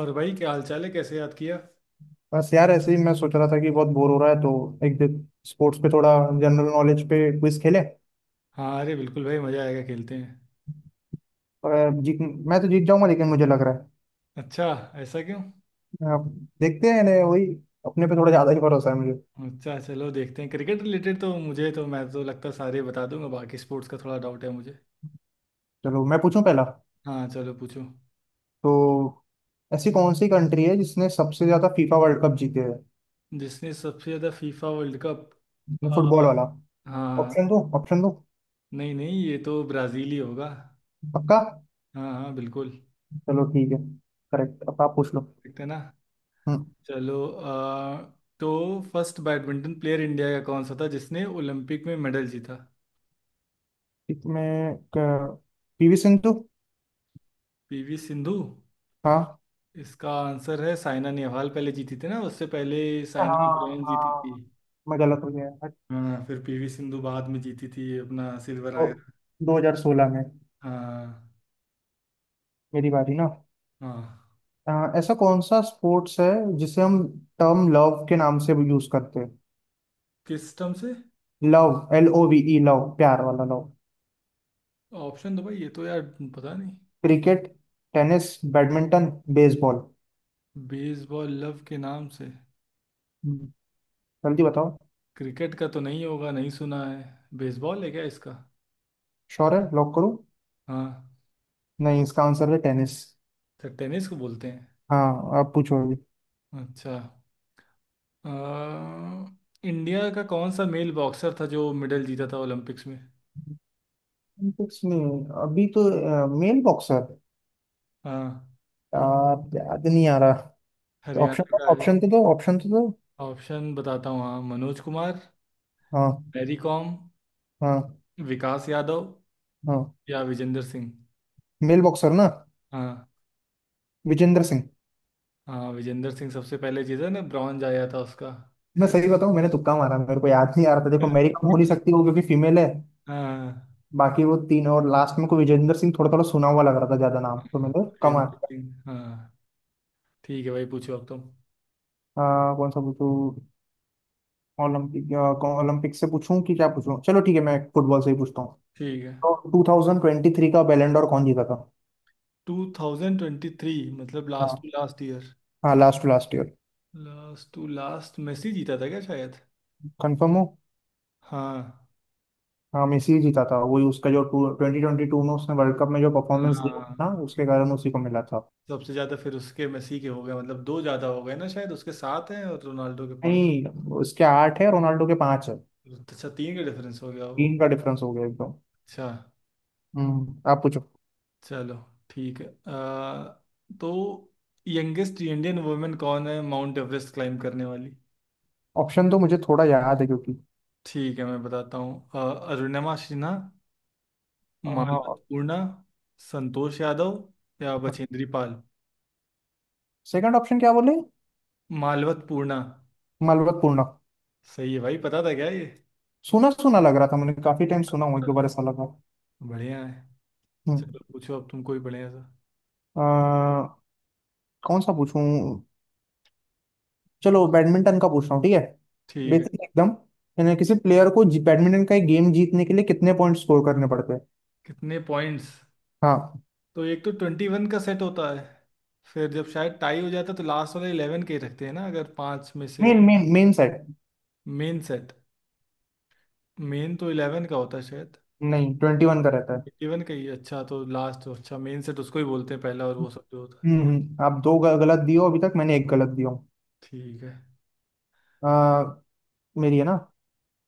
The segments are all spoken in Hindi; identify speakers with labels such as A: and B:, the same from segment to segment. A: और भाई, क्या हाल चाल है, कैसे याद किया?
B: बस यार ऐसे ही मैं सोच रहा था कि बहुत बोर हो रहा है तो एक दिन स्पोर्ट्स पे थोड़ा जनरल नॉलेज पे क्विज खेले।
A: हाँ, अरे बिल्कुल भाई, मज़ा आएगा, खेलते हैं।
B: अगर जीत मैं तो जीत जाऊंगा, लेकिन मुझे लग रहा है
A: अच्छा, ऐसा क्यों?
B: अब देखते हैं ने वही, अपने पे थोड़ा ज़्यादा ही भरोसा है मुझे।
A: अच्छा चलो देखते हैं, क्रिकेट रिलेटेड तो मुझे तो मैं तो लगता है सारे बता दूंगा, बाकी स्पोर्ट्स का थोड़ा डाउट है मुझे।
B: चलो मैं पूछूं पहला।
A: हाँ चलो पूछो।
B: तो ऐसी कौन सी कंट्री है जिसने सबसे ज़्यादा फीफा वर्ल्ड कप जीते हैं?
A: जिसने सबसे ज़्यादा फीफा वर्ल्ड कप?
B: फुटबॉल वाला।
A: हाँ।
B: ऑप्शन दो, ऑप्शन दो।
A: नहीं नहीं, ये तो ब्राज़ील ही होगा।
B: पक्का?
A: हाँ हाँ, बिल्कुल।
B: चलो ठीक है, करेक्ट। अब आप पूछ लो।
A: देखते हैं ना।
B: हम्म।
A: चलो तो फर्स्ट बैडमिंटन प्लेयर इंडिया का कौन सा था जिसने ओलंपिक में मेडल जीता?
B: इसमें पीवी सिंधु।
A: पीवी सिंधु?
B: हाँ।
A: इसका आंसर है साइना नेहवाल, पहले जीती थी ना उससे पहले। साइना
B: हाँ
A: ब्रायन जीती थी।
B: हाँ, मैं गलत हो गया।
A: हाँ, फिर पीवी सिंधु बाद में जीती थी, अपना सिल्वर आया।
B: और 2016 में।
A: हाँ।
B: मेरी बारी ना।
A: हाँ।
B: अ, ऐसा कौन सा स्पोर्ट्स है जिसे हम टर्म लव के नाम से यूज करते हैं?
A: किस टर्म से?
B: Love. L O V E, love, प्यार वाला लव।
A: ऑप्शन दो भाई, ये तो यार पता नहीं।
B: Cricket, tennis, badminton, baseball.
A: Baseball love के नाम से?
B: हम्म, जल्दी बताओ।
A: क्रिकेट का तो नहीं होगा, नहीं सुना है। बेसबॉल है क्या इसका?
B: श्योर है, लॉक करूं?
A: हाँ।
B: नहीं, इसका आंसर है टेनिस।
A: तो टेनिस को बोलते हैं।
B: हाँ आप पूछो अभी।
A: अच्छा। अ, इंडिया का कौन सा मेल बॉक्सर था जो मेडल जीता था ओलंपिक्स में?
B: Olympics में। अभी तो। Mail boxer.
A: हाँ।
B: यार याद नहीं आ रहा।
A: हरियाणा
B: ऑप्शन,
A: का है।
B: ऑप्शन तो दो, ऑप्शन तो दो।
A: ऑप्शन बताता हूँ, हाँ— मनोज कुमार,
B: हाँ।
A: मैरी कॉम,
B: हाँ।
A: विकास यादव
B: हाँ।
A: या विजेंद्र सिंह।
B: मेल बॉक्सर ना।
A: हाँ।
B: विजेंद्र सिंह।
A: हाँ विजेंद्र सिंह सबसे पहले जीता ना, ब्रॉन्ज आया था उसका।
B: मैं सही बताऊं, मैंने तुक्का मारा, मेरे को याद नहीं आ रहा था। देखो, मेरी कम हो नहीं सकती वो क्योंकि फीमेल है।
A: हाँ
B: बाकी वो तीन, और लास्ट में को विजेंद्र सिंह थोड़ा थोड़ा सुना हुआ लग रहा था, ज्यादा नाम तो मैंने कम।
A: विजेंद्र सिंह, हाँ। ठीक है भाई, पूछो अब तुम।
B: आ, कौन सा पूछूं? ओलंपिक, ओलंपिक से पूछूं कि क्या पूछूं? चलो ठीक है, मैं फुटबॉल से ही पूछता हूँ।
A: ठीक है।
B: तो 2023 का बैलेंडोर कौन जीता था?
A: 2023 मतलब लास्ट
B: हाँ।
A: Two last year?
B: हाँ last last year.
A: Last two last Messi जीता था क्या शायद?
B: कंफर्म हो?
A: हाँ।
B: हाँ मेसी ही जीता था। वही उसका जो टू ट्वेंटी ट्वेंटी टू में उसने वर्ल्ड कप में जो परफॉर्मेंस दी थी ना,
A: हाँ,
B: उसके कारण उसी को मिला था।
A: सबसे ज्यादा फिर उसके मेसी के हो गए, मतलब दो ज्यादा हो गए ना, शायद उसके सात हैं और रोनाल्डो के पांच।
B: नहीं, उसके आठ है, रोनाल्डो के पांच है।
A: अच्छा, तीन का डिफरेंस हो गया वो।
B: तीन का डिफरेंस हो गया एकदम।
A: अच्छा।
B: हम्म, आप पूछो।
A: चलो ठीक है, तो यंगेस्ट इंडियन वुमेन कौन है माउंट एवरेस्ट क्लाइम करने वाली?
B: ऑप्शन तो मुझे थोड़ा याद है क्योंकि।
A: ठीक है मैं बताता हूँ, अरुणिमा सिन्हा, मालवत पूर्णा, संतोष यादव या बछेंद्री पाल।
B: सेकंड ऑप्शन क्या बोले?
A: मालवत पूर्णा।
B: मलबतपूर्ण।
A: सही है भाई, पता था क्या ये?
B: सुना सुना लग रहा था, मैंने काफी टाइम सुना हूँ, एक दो बार ऐसा लगा।
A: बढ़िया है।
B: हम्म।
A: चलो पूछो अब तुम कोई बढ़िया सा।
B: अ, कौन सा पूछूं? चलो बैडमिंटन का पूछ रहा हूँ, ठीक है।
A: ठीक है।
B: बेसिक एकदम। यानी किसी प्लेयर को बैडमिंटन का एक गेम जीतने के लिए कितने पॉइंट स्कोर करने पड़ते हैं?
A: कितने पॉइंट्स?
B: हाँ।
A: तो एक तो 21 का सेट होता है। फिर जब शायद टाई हो जाता है तो लास्ट वाला इलेवन के ही रखते हैं ना, अगर पांच में से।
B: Main main main set.
A: Main set. Main तो इलेवन का होता है शायद।
B: नहीं, ट्वेंटी वन का रहता है।
A: 21 का ही है। अच्छा तो लास्ट तो— अच्छा, मेन सेट उसको ही बोलते हैं पहला, और वो सब जो होता है।
B: आप दो गलत दियो, अभी तक मैंने एक गलत दिया हूँ।
A: ठीक है।
B: अ, मेरी है ना।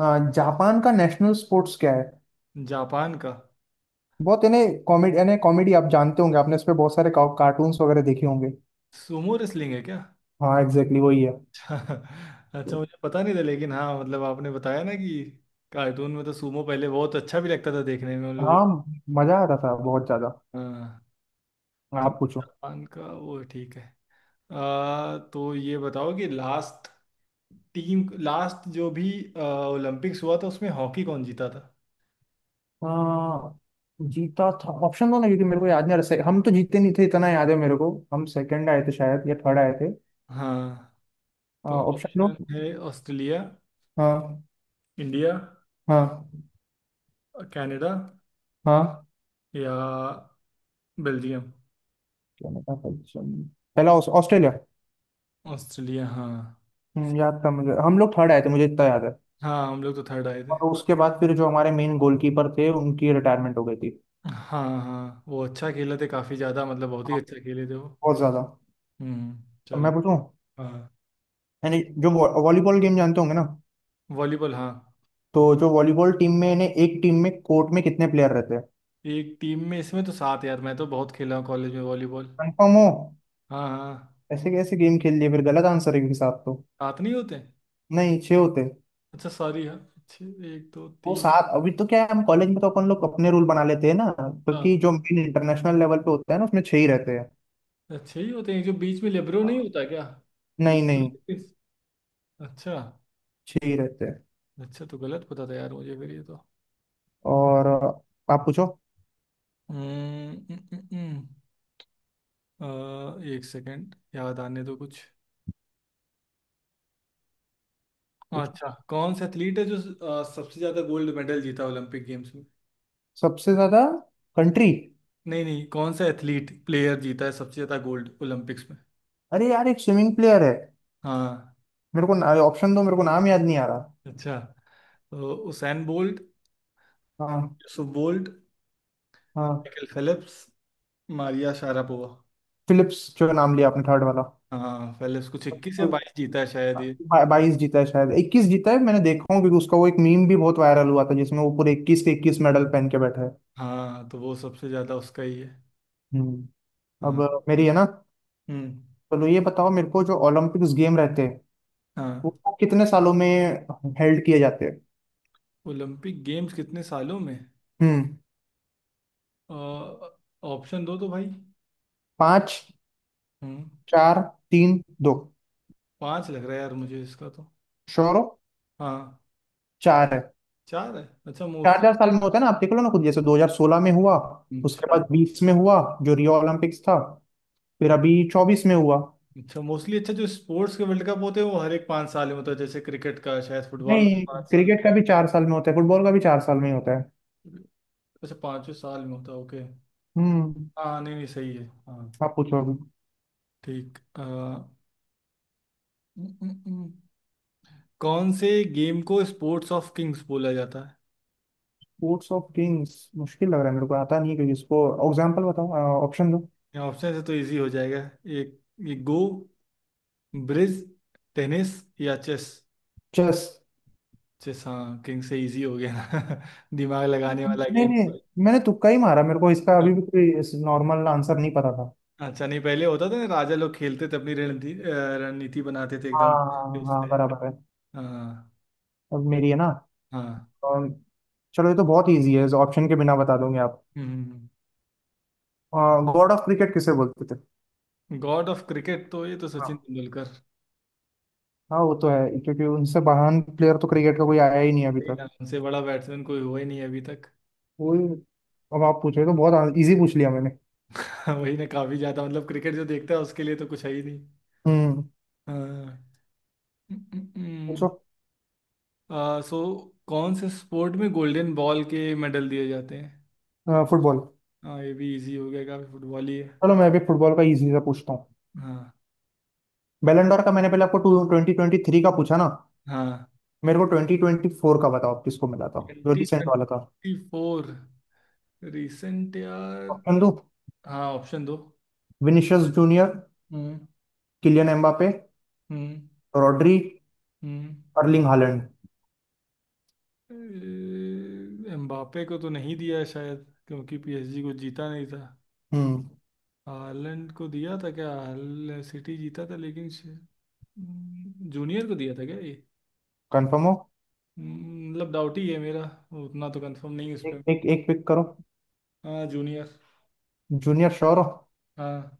B: हाँ, जापान का नेशनल स्पोर्ट्स क्या है?
A: जापान का
B: बहुत इन्हें कॉमेडी, यानी कॉमेडी आप जानते होंगे, आपने इस पे बहुत सारे कार्टून्स वगैरह देखे होंगे।
A: सुमो रेसलिंग है क्या?
B: हाँ एग्जैक्टली वही है।
A: अच्छा, मुझे पता नहीं था, लेकिन हाँ, मतलब आपने बताया ना कि कार्टून में तो सुमो पहले बहुत अच्छा भी लगता था देखने में उन लोग।
B: हाँ, मजा आता था बहुत ज्यादा।
A: हाँ। तो
B: आप पूछो।
A: जापान का वो ठीक है। आ, तो ये बताओ कि लास्ट टीम, लास्ट जो भी ओलंपिक्स हुआ था उसमें हॉकी कौन जीता था?
B: हाँ जीता था। ऑप्शन दो ना, क्योंकि मेरे को याद नहीं आ रहा हम तो जीते नहीं थे इतना याद है मेरे को, हम सेकंड आए थे शायद या थर्ड आए थे।
A: हाँ। तो
B: ऑप्शन दो।
A: ऑप्शन है— ऑस्ट्रेलिया,
B: हाँ।
A: इंडिया,
B: हाँ।
A: कनाडा
B: हाँ।
A: या बेल्जियम।
B: क्या नाम था? पहला ऑस्ट्रेलिया।
A: ऑस्ट्रेलिया, हाँ।
B: याद था मुझे, हम लोग थर्ड आए थे मुझे इतना याद है।
A: हाँ हम लोग तो थर्ड आए थे।
B: और उसके बाद फिर जो हमारे मेन गोलकीपर थे उनकी रिटायरमेंट हो गई थी।
A: हाँ हाँ, वो अच्छा खेले थे काफ़ी ज़्यादा, मतलब बहुत ही
B: हाँ,
A: अच्छा खेले थे वो।
B: बहुत ज्यादा।
A: हम्म।
B: अब
A: चलो।
B: मैं पूछूं।
A: हाँ।
B: यानी जो वॉलीबॉल गेम जानते होंगे ना?
A: वॉलीबॉल, हाँ।
B: तो जो वॉलीबॉल टीम में, यानी एक टीम में कोर्ट में कितने प्लेयर रहते हैं?
A: एक टीम में, इसमें तो सात यार, मैं तो बहुत खेला हूँ कॉलेज में वॉलीबॉल।
B: कंफर्म हो?
A: हाँ हाँ।
B: ऐसे कैसे गेम खेल लिए फिर, गलत आंसर है क्योंकि सात तो।
A: सात नहीं होते?
B: नहीं, छह होते।
A: अच्छा सॉरी, हाँ अच्छे। एक दो
B: वो
A: तीन
B: सात अभी तो क्या है, हम कॉलेज में तो अपन लोग अपने रूल बना लेते हैं ना,
A: चार
B: क्योंकि जो मेन इंटरनेशनल लेवल पे होता है ना उसमें छह ही रहते हैं।
A: अच्छे ही होते हैं, जो बीच में लेब्रो नहीं
B: हाँ।
A: होता क्या?
B: नहीं
A: लेब्रो।
B: नहीं,
A: अच्छा।
B: छह ही रहते हैं।
A: अच्छा तो गलत पता था यार मुझे, फिर ये तो।
B: और आप पूछो।
A: हम्म, हम्म, हम्म, हम्म। एक सेकंड याद आने दो कुछ।
B: पूछो।
A: अच्छा, कौन सा एथलीट है जो सबसे ज्यादा गोल्ड मेडल जीता ओलंपिक गेम्स में?
B: सबसे ज्यादा। कंट्री?
A: नहीं नहीं, कौन सा एथलीट प्लेयर जीता है सबसे ज्यादा गोल्ड ओलंपिक्स में?
B: अरे यार एक स्विमिंग प्लेयर है,
A: हाँ।
B: मेरे को ऑप्शन दो, मेरे को नाम याद नहीं आ रहा।
A: अच्छा। तो उसैन बोल्ट,
B: हाँ।
A: यूसुफ बोल्ट,
B: हाँ।
A: Michael Phelps, Maria Sharapova.
B: Phillips, जो नाम लिया आपने थर्ड वाला।
A: हाँ, पहले उसको 21 या 22 जीता है शायद ये।
B: बाईस जीता है शायद, इक्कीस जीता है मैंने देखा हूँ, क्योंकि उसका वो एक मीम भी बहुत वायरल हुआ था जिसमें वो पूरे इक्कीस के इक्कीस मेडल पहन के बैठा है।
A: हाँ तो वो सबसे ज्यादा उसका ही है।
B: हम्म। अब
A: हाँ।
B: मेरी है ना?
A: हम्म।
B: चलो ये बताओ मेरे को, जो ओलंपिक्स गेम रहते हैं
A: हाँ।
B: वो कितने सालों में हेल्ड किए जाते हैं?
A: ओलंपिक गेम्स कितने सालों में?
B: हम्म।
A: ऑप्शन दो तो भाई।
B: पाँच,
A: हम्म।
B: चार, तीन, दो।
A: पांच लग रहा है यार मुझे इसका तो।
B: श्योर हो?
A: हाँ।
B: चार है।
A: चार है? अच्छा
B: चार,
A: मोस्टली।
B: चार साल में होता है ना, आप देख लो ना खुद, जैसे 2016 में हुआ, उसके
A: अच्छा।
B: बाद 20 में हुआ जो रियो ओलंपिक्स था, फिर अभी 24 में हुआ।
A: अच्छा मोस्टली। अच्छा, जो स्पोर्ट्स के वर्ल्ड कप होते हैं वो हर एक 5 साल में होता है, जैसे क्रिकेट का शायद, फुटबॉल का
B: नहीं,
A: 5 साल।
B: क्रिकेट का भी चार साल में होता है, फुटबॉल का भी चार साल में ही होता है।
A: अच्छा, पाँचवें साल में होता है, ओके।
B: हम्म।
A: हाँ। नहीं नहीं, सही है, हाँ।
B: आप पूछो अभी।
A: ठीक हम्म, हम्म। कौन से गेम को स्पोर्ट्स ऑफ किंग्स बोला जाता
B: स्पोर्ट्स ऑफ किंग्स, मुश्किल लग रहा है मेरे को, आता नहीं है क्योंकि इसको। एग्जांपल बताओ, ऑप्शन दो।
A: है? ऑप्शन से तो इजी हो जाएगा। एक— ये गो, ब्रिज, टेनिस या चेस।
B: चेस।
A: चेस, हाँ, किंग से इजी हो गया ना। दिमाग लगाने वाला
B: नहीं
A: गेम।
B: नहीं, मैंने तुक्का ही मारा, मेरे को इसका अभी भी कोई नॉर्मल आंसर नहीं पता था।
A: अच्छा, नहीं, पहले होता था ना राजा लोग खेलते थे, अपनी रणनीति रणनीति बनाते थे
B: हाँ
A: एकदम
B: हाँ
A: इससे।
B: हाँ, बराबर है।
A: हाँ।
B: अब मेरी है ना।
A: हाँ।
B: और चलो, ये तो बहुत इजी है, ऑप्शन के बिना बता दोगे आप।
A: हम्म हम्म,
B: गॉड ऑफ क्रिकेट किसे बोलते थे?
A: गॉड ऑफ क्रिकेट तो ये तो सचिन
B: हाँ।
A: तेंदुलकर।
B: हाँ वो तो है, क्योंकि उनसे महान प्लेयर तो क्रिकेट का कोई आया ही नहीं अभी
A: वही
B: तक।
A: ना, उनसे बड़ा बैट्समैन कोई हुआ ही नहीं अभी तक।
B: वो। अब आप पूछे, तो बहुत इजी पूछ लिया मैंने।
A: वही ना, काफी ज्यादा, मतलब क्रिकेट जो देखता है उसके लिए तो कुछ है ही नहीं।
B: हम्म।
A: हाँ।
B: पूछो।
A: आ, सो कौन से स्पोर्ट में गोल्डन बॉल के मेडल दिए जाते हैं?
B: फुटबॉल।
A: हाँ, ये भी इजी हो गया, काफी फुटबॉल ही है।
B: चलो, मैं भी फुटबॉल का इजी सा पूछता हूँ।
A: हाँ।
B: बैलन डॉर का मैंने पहले आपको टू ट्वेंटी ट्वेंटी थ्री का पूछा ना?
A: हाँ,
B: मेरे को ट्वेंटी ट्वेंटी फोर का बताओ आप, किसको मिला था? जो
A: ट्वेंटी
B: रिसेंट वाला था।
A: ट्वेंटी फोर रिसेंट यार।
B: ऑप्शन दो।
A: हाँ, ऑप्शन दो।
B: विनिशियस जूनियर,
A: हम्म।
B: किलियन एम्बापे,
A: हम्म।
B: रॉड्री,
A: हम्म।
B: Erling Holland.
A: एम्बापे को तो नहीं दिया शायद, क्योंकि पीएसजी को जीता नहीं था।
B: हम्म।
A: हालैंड को दिया था क्या, हाल सिटी जीता था लेकिन? जूनियर को दिया था क्या ये?
B: कंफर्म हो?
A: मतलब डाउट ही है मेरा। उतना तो कंफर्म नहीं है उस
B: एक
A: पर।
B: एक एक पिक करो।
A: हाँ जूनियर।
B: जूनियर श्योर हो?
A: हाँ।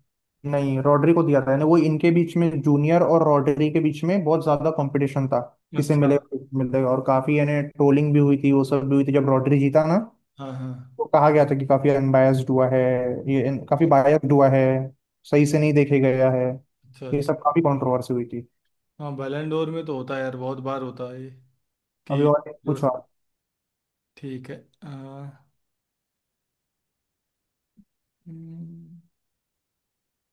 B: नहीं, रॉड्री को दिया था। यानी वो इनके बीच में, जूनियर और रॉड्री के बीच में बहुत ज्यादा कंपटीशन था, किसे
A: अच्छा।
B: मिलेगा किसे मिलेगा, और काफी यानी ट्रोलिंग भी हुई थी, वो सब भी हुई थी जब रॉड्री जीता ना।
A: हाँ हाँ।
B: तो कहा गया था कि काफी अनबायस्ड हुआ है, ये काफी
A: अच्छा।
B: बायस्ड हुआ है, सही से नहीं देखे गया है।
A: अच्छा।
B: ये
A: अच्छा।
B: सब काफी कंट्रोवर्सी हुई थी।
A: हाँ, बैलेंडोर में तो होता है यार, बहुत बार होता है ये
B: अभी
A: कि—
B: और एक पूछो आप।
A: ठीक है। हाँ, हम्म,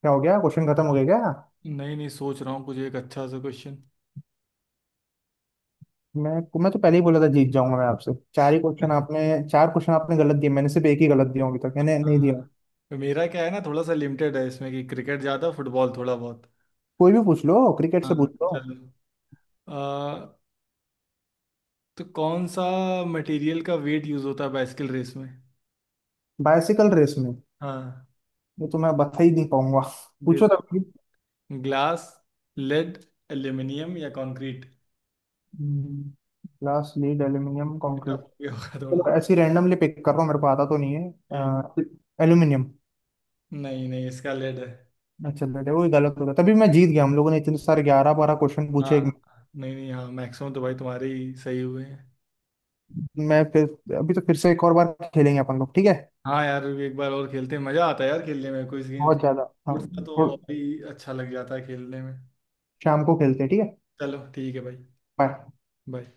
B: क्या हो गया, क्वेश्चन खत्म हो गया क्या?
A: नहीं नहीं, सोच रहा हूँ कुछ एक अच्छा सा क्वेश्चन।
B: मैं मैं तो पहले ही बोला था जीत जाऊंगा मैं आपसे, चार ही क्वेश्चन आपने, चार क्वेश्चन आपने गलत दिए, मैंने सिर्फ एक ही गलत दिया, अभी तक मैंने नहीं दिया।
A: हाँ, मेरा क्या है ना, थोड़ा सा लिमिटेड है इसमें, कि क्रिकेट ज़्यादा, फुटबॉल थोड़ा बहुत।
B: कोई भी पूछ लो, क्रिकेट से
A: हाँ
B: पूछ लो।
A: चलो, आ, तो कौन सा मटेरियल का वेट यूज़ होता है बाइसिकल रेस में?
B: बाइसिकल रेस में?
A: हाँ।
B: ये तो मैं बता ही नहीं पाऊंगा, पूछो
A: देता
B: तब।
A: हूँ— ग्लास, लेड, एल्यूमिनियम या concrete.
B: Glass, lead, aluminium, concrete.
A: होगा थोड़ा।
B: चलो ऐसी रैंडमली पिक कर रहा हूँ, मेरे को आता तो नहीं है।
A: ठीक।
B: एल्यूमिनियम।
A: नहीं नहीं, इसका लेड है।
B: अच्छा बेटे, वो ही गलत हो गया, तभी मैं जीत गया, हम लोगों ने इतने सारे ग्यारह बारह क्वेश्चन पूछे।
A: हाँ। नहीं नहीं, हाँ मैक्सिमम तो भाई तुम्हारे ही सही हुए हैं।
B: मैं फिर, अभी तो फिर से एक और बार खेलेंगे अपन लोग, ठीक है?
A: हाँ यार, एक बार और खेलते हैं, मजा आता है यार खेलने में, कोई गेम
B: बहुत ज्यादा हाँ।
A: स्पोर्ट्स का तो
B: और
A: अभी अच्छा लग जाता है खेलने में।
B: शाम को खेलते हैं ठीक है।
A: चलो ठीक है भाई।
B: बाय।
A: बाय।